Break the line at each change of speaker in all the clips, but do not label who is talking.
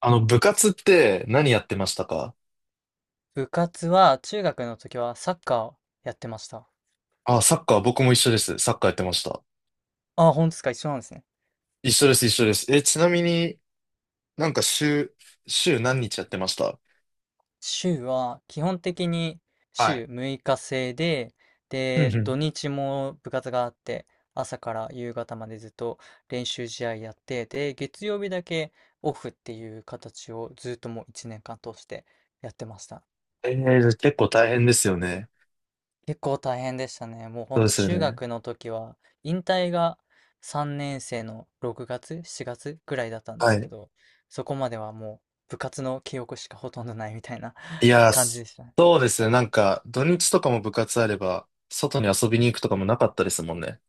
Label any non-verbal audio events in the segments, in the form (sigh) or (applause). あの、部活って何やってましたか？
部活は中学の時はサッカーをやってました。
あ、サッカー、僕も一緒です。サッカーやってました。
ああ、本当ですか、一緒なんですね。
一緒です、一緒です。え、ちなみになんか週何日やってました？
週は基本的に
はい。
週6日制で、
うんうん。
土日も部活があって、朝から夕方までずっと練習試合やって、で、月曜日だけオフっていう形をずっともう1年間通してやってました。
えー、結構大変ですよね。
結構大変でしたね。もうほ
そ
ん
うで
と
すよ
中
ね。
学の時は、引退が3年生の6月、7月ぐらいだったんで
は
すけ
い。
ど、そこまではもう部活の記憶しかほとんどないみたいな
い
(laughs)
やー、
感じでしたね。
そうですね。なんか、土日とかも部活あれば、外に遊びに行くとかもなかったですもんね。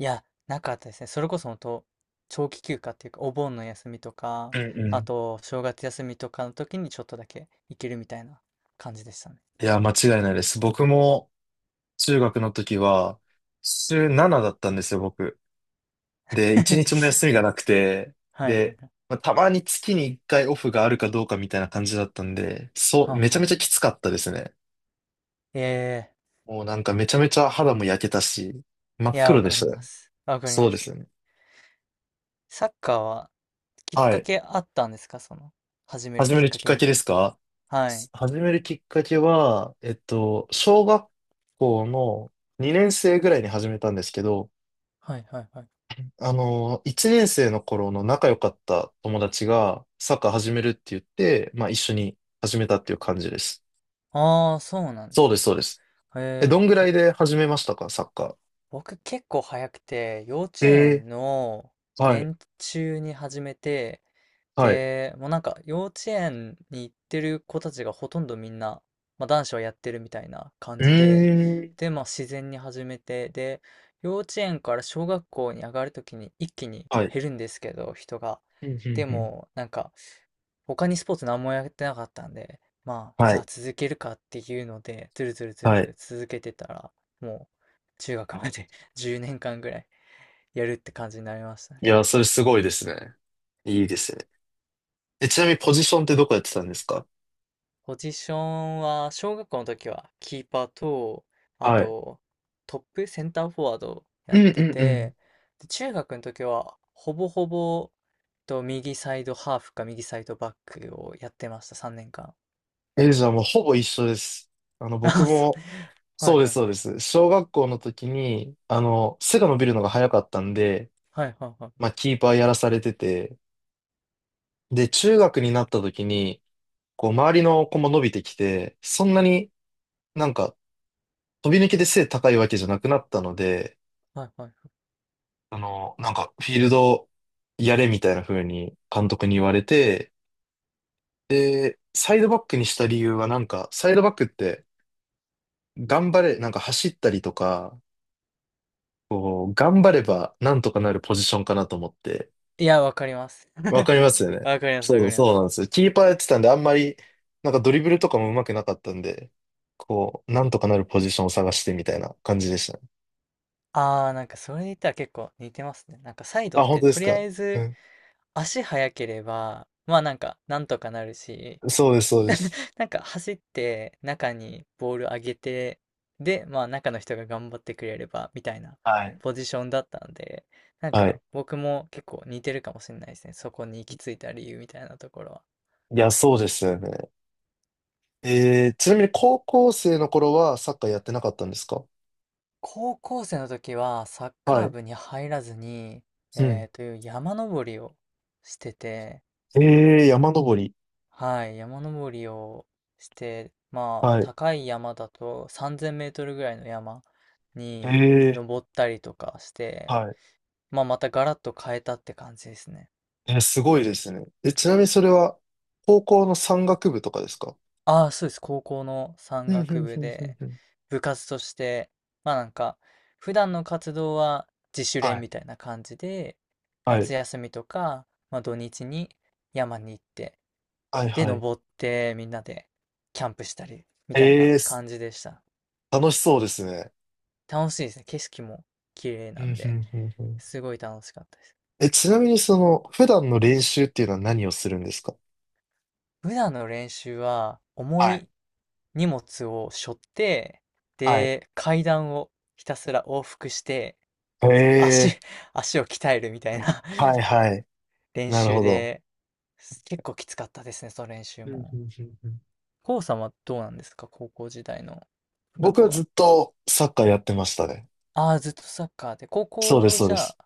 いや、なかったですね。それこそほんと、長期休暇っていうか、お盆の休みとか、
うんう
あ
ん。
と、正月休みとかの時にちょっとだけ行けるみたいな感じでしたね。
いやー、間違いないです。僕も中学の時は、週7だったんですよ、僕。
(laughs)
で、
は
一日も休みが
い、
なくて、
はい、はい。
で、まあ、たまに月に一回オフがあるかどうかみたいな感じだったんで、そう、
はあ
めち
はあ
ゃめ
は
ちゃ
あ、
きつかったですね。
ええ、
もうなんかめちゃめちゃ肌も焼けたし、真っ
いや、
黒
わ
で
か
した
りま
ね。
す。わかり
そ
ま
うで
す。
すね。
サッカーはきっ
は
か
い。
けあったんですか、その、始める
始め
きっ
る
か
きっ
け
か
み
け
た
で
い
すか？
な。はい。
始めるきっかけは、小学校の2年生ぐらいに始めたんですけど、
はいはいはい。
あの、1年生の頃の仲良かった友達がサッカー始めるって言って、まあ一緒に始めたっていう感じです。
ああ、そうなんで
そう
す
で
ね。
す、そうです。え、
えー、
どんぐらいで始めましたか、サッカ
僕結構早くて、幼
ー。
稚
え
園の
ー、はい、
年中に始めて、
はい。
で、もうなんか幼稚園に行ってる子たちがほとんどみんな、まあ、男子はやってるみたいな感
うー
じで、
ん、
で、まあ自然に始めて、で、幼稚園から小学校に上がるときに一気に
はい。
減るんですけど、人が。
うんうん
で
うん。
も、なんか、他にスポーツ何もやってなかったんで、まあ、じ
は
ゃあ
い、
続けるかっていうので、ずるずるずる
は
ず
い。
る続けてたら、もう中学まで (laughs) 10年間ぐらいやるって感じになりましたね。
いや、それすごいですね。いいですね。え、ちなみにポジションってどこやってたんですか？
ポジションは、小学校の時はキーパーと、あ
はい。
と、トップ、センターフォワードや
う
っ
ん
て
うんうん。
て、で中学の時は、ほぼほぼ、と、右サイドハーフか右サイドバックをやってました、3年間。
え、じゃあもうほぼ一緒です。あの、
(laughs)
僕
あ、そ
も、
う、はい
そうで
は
す、
い
そう
はい。
です。小学校の時に、あの、背が伸びるのが早かったんで、
はいはいはい。
まあ、キーパーやらされてて、で、中学になった時に、こう、周りの子も伸びてきて、そんなになんか飛び抜けて背高いわけじゃなくなったので、
はいはいはい。
あの、なんか、フィールドやれみたいな風に監督に言われて、で、サイドバックにした理由はなんか、サイドバックって頑張れ、なんか走ったりとか、こう、頑張ればなんとかなるポジションかなと思って。
いや、わかります。
わかります
(laughs)
よね。
わかります、わ
そう、
かりま
そう
す。
なんですよ。キーパーやってたんで、あんまり、なんかドリブルとかも上手くなかったんで、こう、なんとかなるポジションを探してみたいな感じでしたね。
ああ、なんかそれで言ったら結構似てますね。なんかサイド
あ、
っ
本
て
当で
と
す
りあ
か。
え
う
ず
ん。
足速ければ、まあなんか、なんとかなるし、
そうです、そうです。
なんか走って中にボール上げて、で、まあ中の人が頑張ってくれれば、みたいな
はい。
ポジションだったんで、なん
はい。
か僕も結構似てるかもしれないですね。そこに行き着いた理由みたいなところは。
いや、そうですよね。ちなみに高校生の頃はサッカーやってなかったんですか？
高校生の時はサッ
は
カー
い。
部に入らずに、
うん。
えーという山登りをしてて、
えー、山登り。
はい、山登りをして、まあ、
はい。
高い山だと3000メートルぐらいの山に
え
登ったりとかし
ー、
て、
はい。
まあ、またガラッと変えたって感じですね。
えー、すごいですね。え、ちなみにそれは高校の山岳部とかですか？
ああ、そうです。高校の山
うん、うん、う
岳
ん、
部
うん。
で、
うん。
部活として、まあなんか、普段の活動は自主
は
練
い。
みたいな感じで、
は
夏
い。
休みとか、まあ土日に山に行って、
はい、
で、
はい。
登ってみんなでキャンプしたり、みたい
え
な
ー、
感じでした。
楽しそうですね。
楽しいですね。景色も綺麗
うん、
な
う
んで、
ん、うん。うん。
すごい楽しかったです。
え、ちなみにその、普段の練習っていうのは何をするんですか？
普段の練習は、重
はい。
い荷物を背負って、
はい。
で、階段をひたすら往復して、足、
え
(laughs) 足を鍛えるみたいな
ー、はい、はい。
(laughs) 練
なる
習
ほど。
で、結構きつかったですね、その練習
うんう
も。
んうんうん。
コウさんはどうなんですか、高校時代の部
僕
活
はず
は。
っとサッカーやってましたね。
ああ、ずっとサッカーで、高
そうです、
校
そう
じ
で
ゃあ、
す。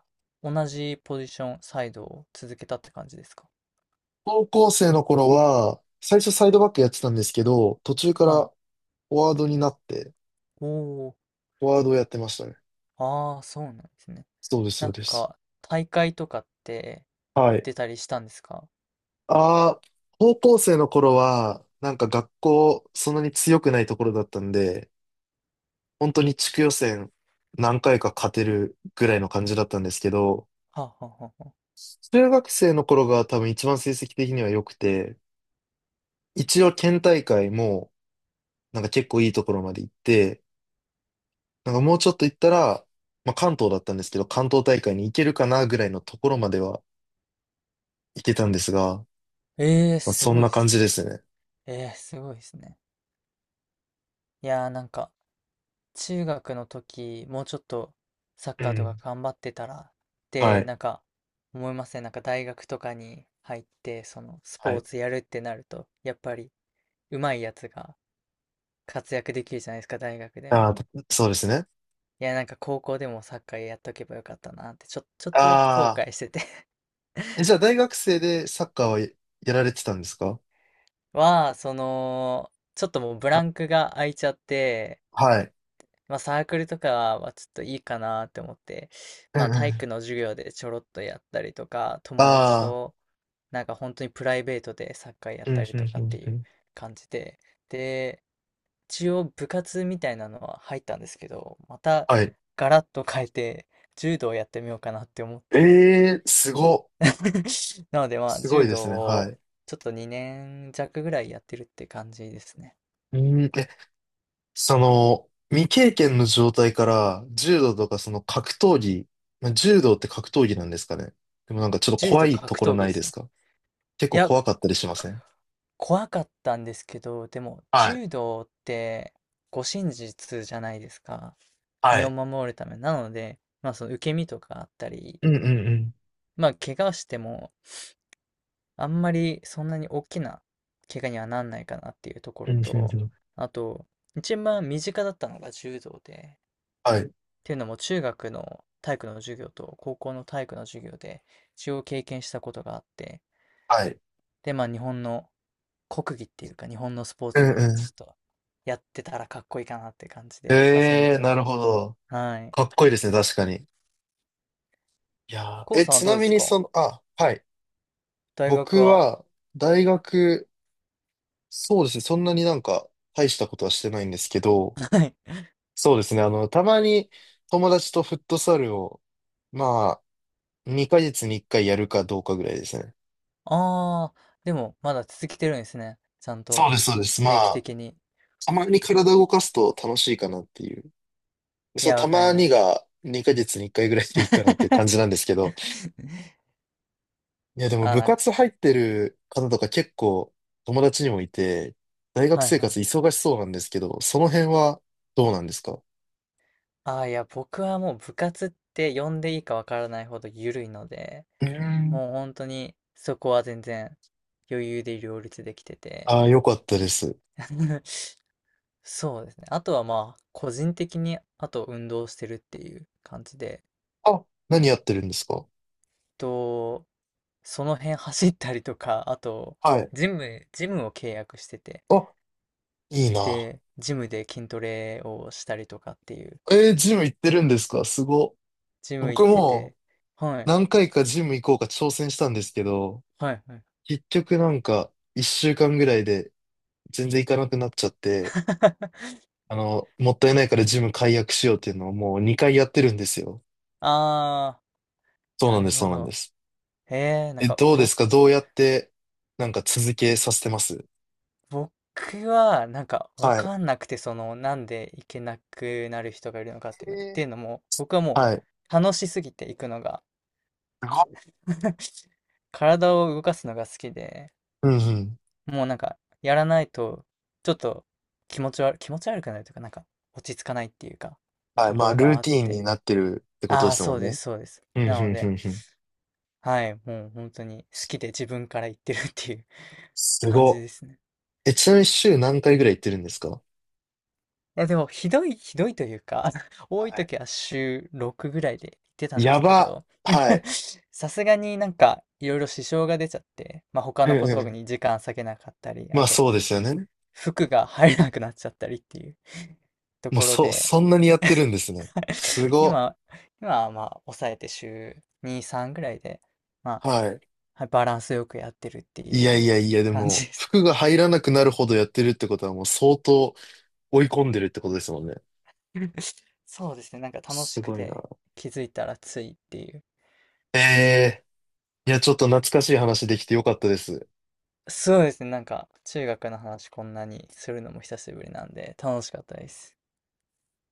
同じポジション、サイドを続けたって感じですか。
高校生の頃は、最初サイドバックやってたんですけど、途中から
はい。
フォワードになって、
おお。
フォワードをやってましたね。
ああ、そうなんですね。
そうです、そ
な
う
ん
です。
か、大会とかって
はい。
出たりしたんですか。
ああ、高校生の頃は、なんか学校、そんなに強くないところだったんで、本当に地区予選何回か勝てるぐらいの感じだったんですけど、
はあ、はあはあはあ、
中学生の頃が多分一番成績的には良くて、一応県大会も、なんか結構いいところまで行って、なんかもうちょっと行ったら、まあ、関東だったんですけど、関東大会に行けるかなぐらいのところまでは行けたんですが、
ええ、
まあ、
す
そん
ごい
な
で
感
すね。
じですね。
ええ、すごいですね。いやー、なんか、中学の時、もうちょっとサッ
う
カーと
ん。
か頑張ってたらっ
は
て、
い。
なんか、思いません。なんか、大学とかに入って、その、ス
は
ポー
い。
ツやるってなると、やっぱり、上手いやつが活躍できるじゃないですか、大学で
あ
も。
あ、そうですね。
いや、なんか、高校でもサッカーやっとけばよかったなって、ちょっとだけ後
ああ。
悔してて
え、じゃあ大学生でサッカーはやられてたんですか？
は、その、ちょっともうブラ
あ、
ンクが空いちゃって、
はい。
まあサークルとかはちょっといいかなって思って、
う
ま
ん
あ
う
体
ん。
育の授業でちょろっとやったりとか、友達
ああ。
となんか本当にプライベートでサッカーやっ
うんう
た
ん
りとか
う
って
ん
い
う
う
ん。
感じで、で、一応部活みたいなのは入ったんですけど、また
はい。
ガラッと変えて柔道をやってみようかなって思っ
え
て、
え、すご。
(laughs) なのでまあ
すご
柔
いで
道
すね。は
を
い。
ちょっと2年弱ぐらいやってるって感じですね。
うん。え、その、未経験の状態から柔道とかその格闘技、まあ、柔道って格闘技なんですかね。でもなんかちょっと
柔
怖
道
いと
格
こ
闘
ろ
技
な
で
いで
す
す
ね。
か？結
い
構
や、
怖かったりしません？
怖かったんですけど、でも
はい。
柔道って護身術じゃないですか。
は
身を
い。
守るため。なので、まあその受け身とかあったり、
うんうんうん。
まあ怪我してもあんまりそんなに大きな怪我にはなんないかなっていうとこ
うん
ろ
うん
と、
うん。
あと、一番身近だったのが柔道で、っ
はい。
ていうのも中学の体育の授業と高校の体育の授業で一応経験したことがあって、
はい。
で、まあ日本の国技っていうか日本のスポー
う
ツ
ん
なんで、ち
う
ょっとやってたらかっこいいかなって感じ
ん。
で始め
ええー、なる
て。
ほど。
はい。
かっこいいですね、確かに。いやー、
コウ
え、
さんは
ち
どう
な
で
み
す
に
か、
その、あ、はい。
大学
僕
は。
は、大学、そうですね、そんなになんか、大したことはしてないんですけど、
はい。
そうですね。あの、たまに友達とフットサルを、まあ、2ヶ月に1回やるかどうかぐらいですね。
ああ、でもまだ続けてるんですね。ちゃん
そう
と
です、そうです。ま
定期
あ、
的に。
たまに体動かすと楽しいかなっていう。
い
そう、
や、
た
わかり
まに
ます。
が2ヶ月に1回ぐらいでいいかなっていう感じなん
(laughs)
ですけど。いや、でも
あ
部
ら、
活入ってる方とか結構友達にもいて、大学
はい
生
は
活
い。
忙しそうなんですけど、その辺はどうなんですか？
ああ、いや、僕はもう部活って呼んでいいかわからないほど緩いので、
うーん。
もう本当にそこは全然余裕で両立できてて。
ああ、よかったです。
(laughs) そうですね。あとはまあ、個人的に、あと運動してるっていう感じで、
あ、何やってるんですか？
と、その辺走ったりとか、あと、
はい。
ジムを契約してて、
あ、いいな。
で、ジムで筋トレをしたりとかっていう、
えー、ジム行ってるんですか？すご。
ジム行っ
僕
て
も
て、はい、
何回かジム行こうか挑戦したんですけど、
はい、はい。
結局なんか一週間ぐらいで全然行かなくなっちゃって、
(laughs)
あの、もったいないからジム解約しようっていうのをもう2回やってるんですよ。
あー、
そう
な
なん
る
です、
ほ
そうなんで
ど。
す。
えー、なん
え、
か、
どうですか？どうやってなんか続けさせてます？
僕は、なんか、わ
はい。
かんなくて、その、なんで行けなくなる人がいるのかっていうのが、っていう
え
のも、僕は
ー、
も
はい。
う、楽しすぎて行くのが、
すごい。
(laughs) 体を動かすのが好きで、
うんうん。
もうなんか、やらないと、ちょっと気持ち悪くなるというか、なんか、落ち着かないっていうか、
はい。
とこ
まあ、
ろ
ル
が
ー
あっ
ティーンに
て。
なってるってこと
あ
で
あ、
すも
そう
ん
で
ね。
す、そうです。
うんう
な
ん
の
う
で、
んうん。
はい、もう本当に好きで自分から言ってるっていう (laughs)
す
感
ご
じ
っ。
ですね。
え、ちなみに週何回ぐらい行ってるんですか？
いやでも、ひどいというか、(laughs) 多い時
は
は週6ぐらいで行ってた
い。
んで
や
すけ
ば。
ど、
はい。
(laughs) さすがになんかいろいろ支障が出ちゃって、まあ、他
う
の
ん
こ
う
と
ん。
に時間割けなかったり、
ま
あ
あ
と
そうですよね。
服が入らなくなっちゃったりっていう (laughs) と
もう
ころ
そ、
で
そんなにやってるんですね。す
(laughs)
ご。
今、今はまあ抑えて週2、3ぐらいで、まあ、
はい。
はい、バランスよくやってるって
いや
い
い
う
やいや、で
感じ
も、
です。
服が入らなくなるほどやってるってことはもう相当追い込んでるってことですもんね。
(laughs) そうですね、なんか楽し
す
く
ごいな。
て気づいたらついっていう。
ええ、いや、ちょっと懐かしい話できてよかったです。
そうですね、なんか中学の話こんなにするのも久しぶりなんで楽しかったです。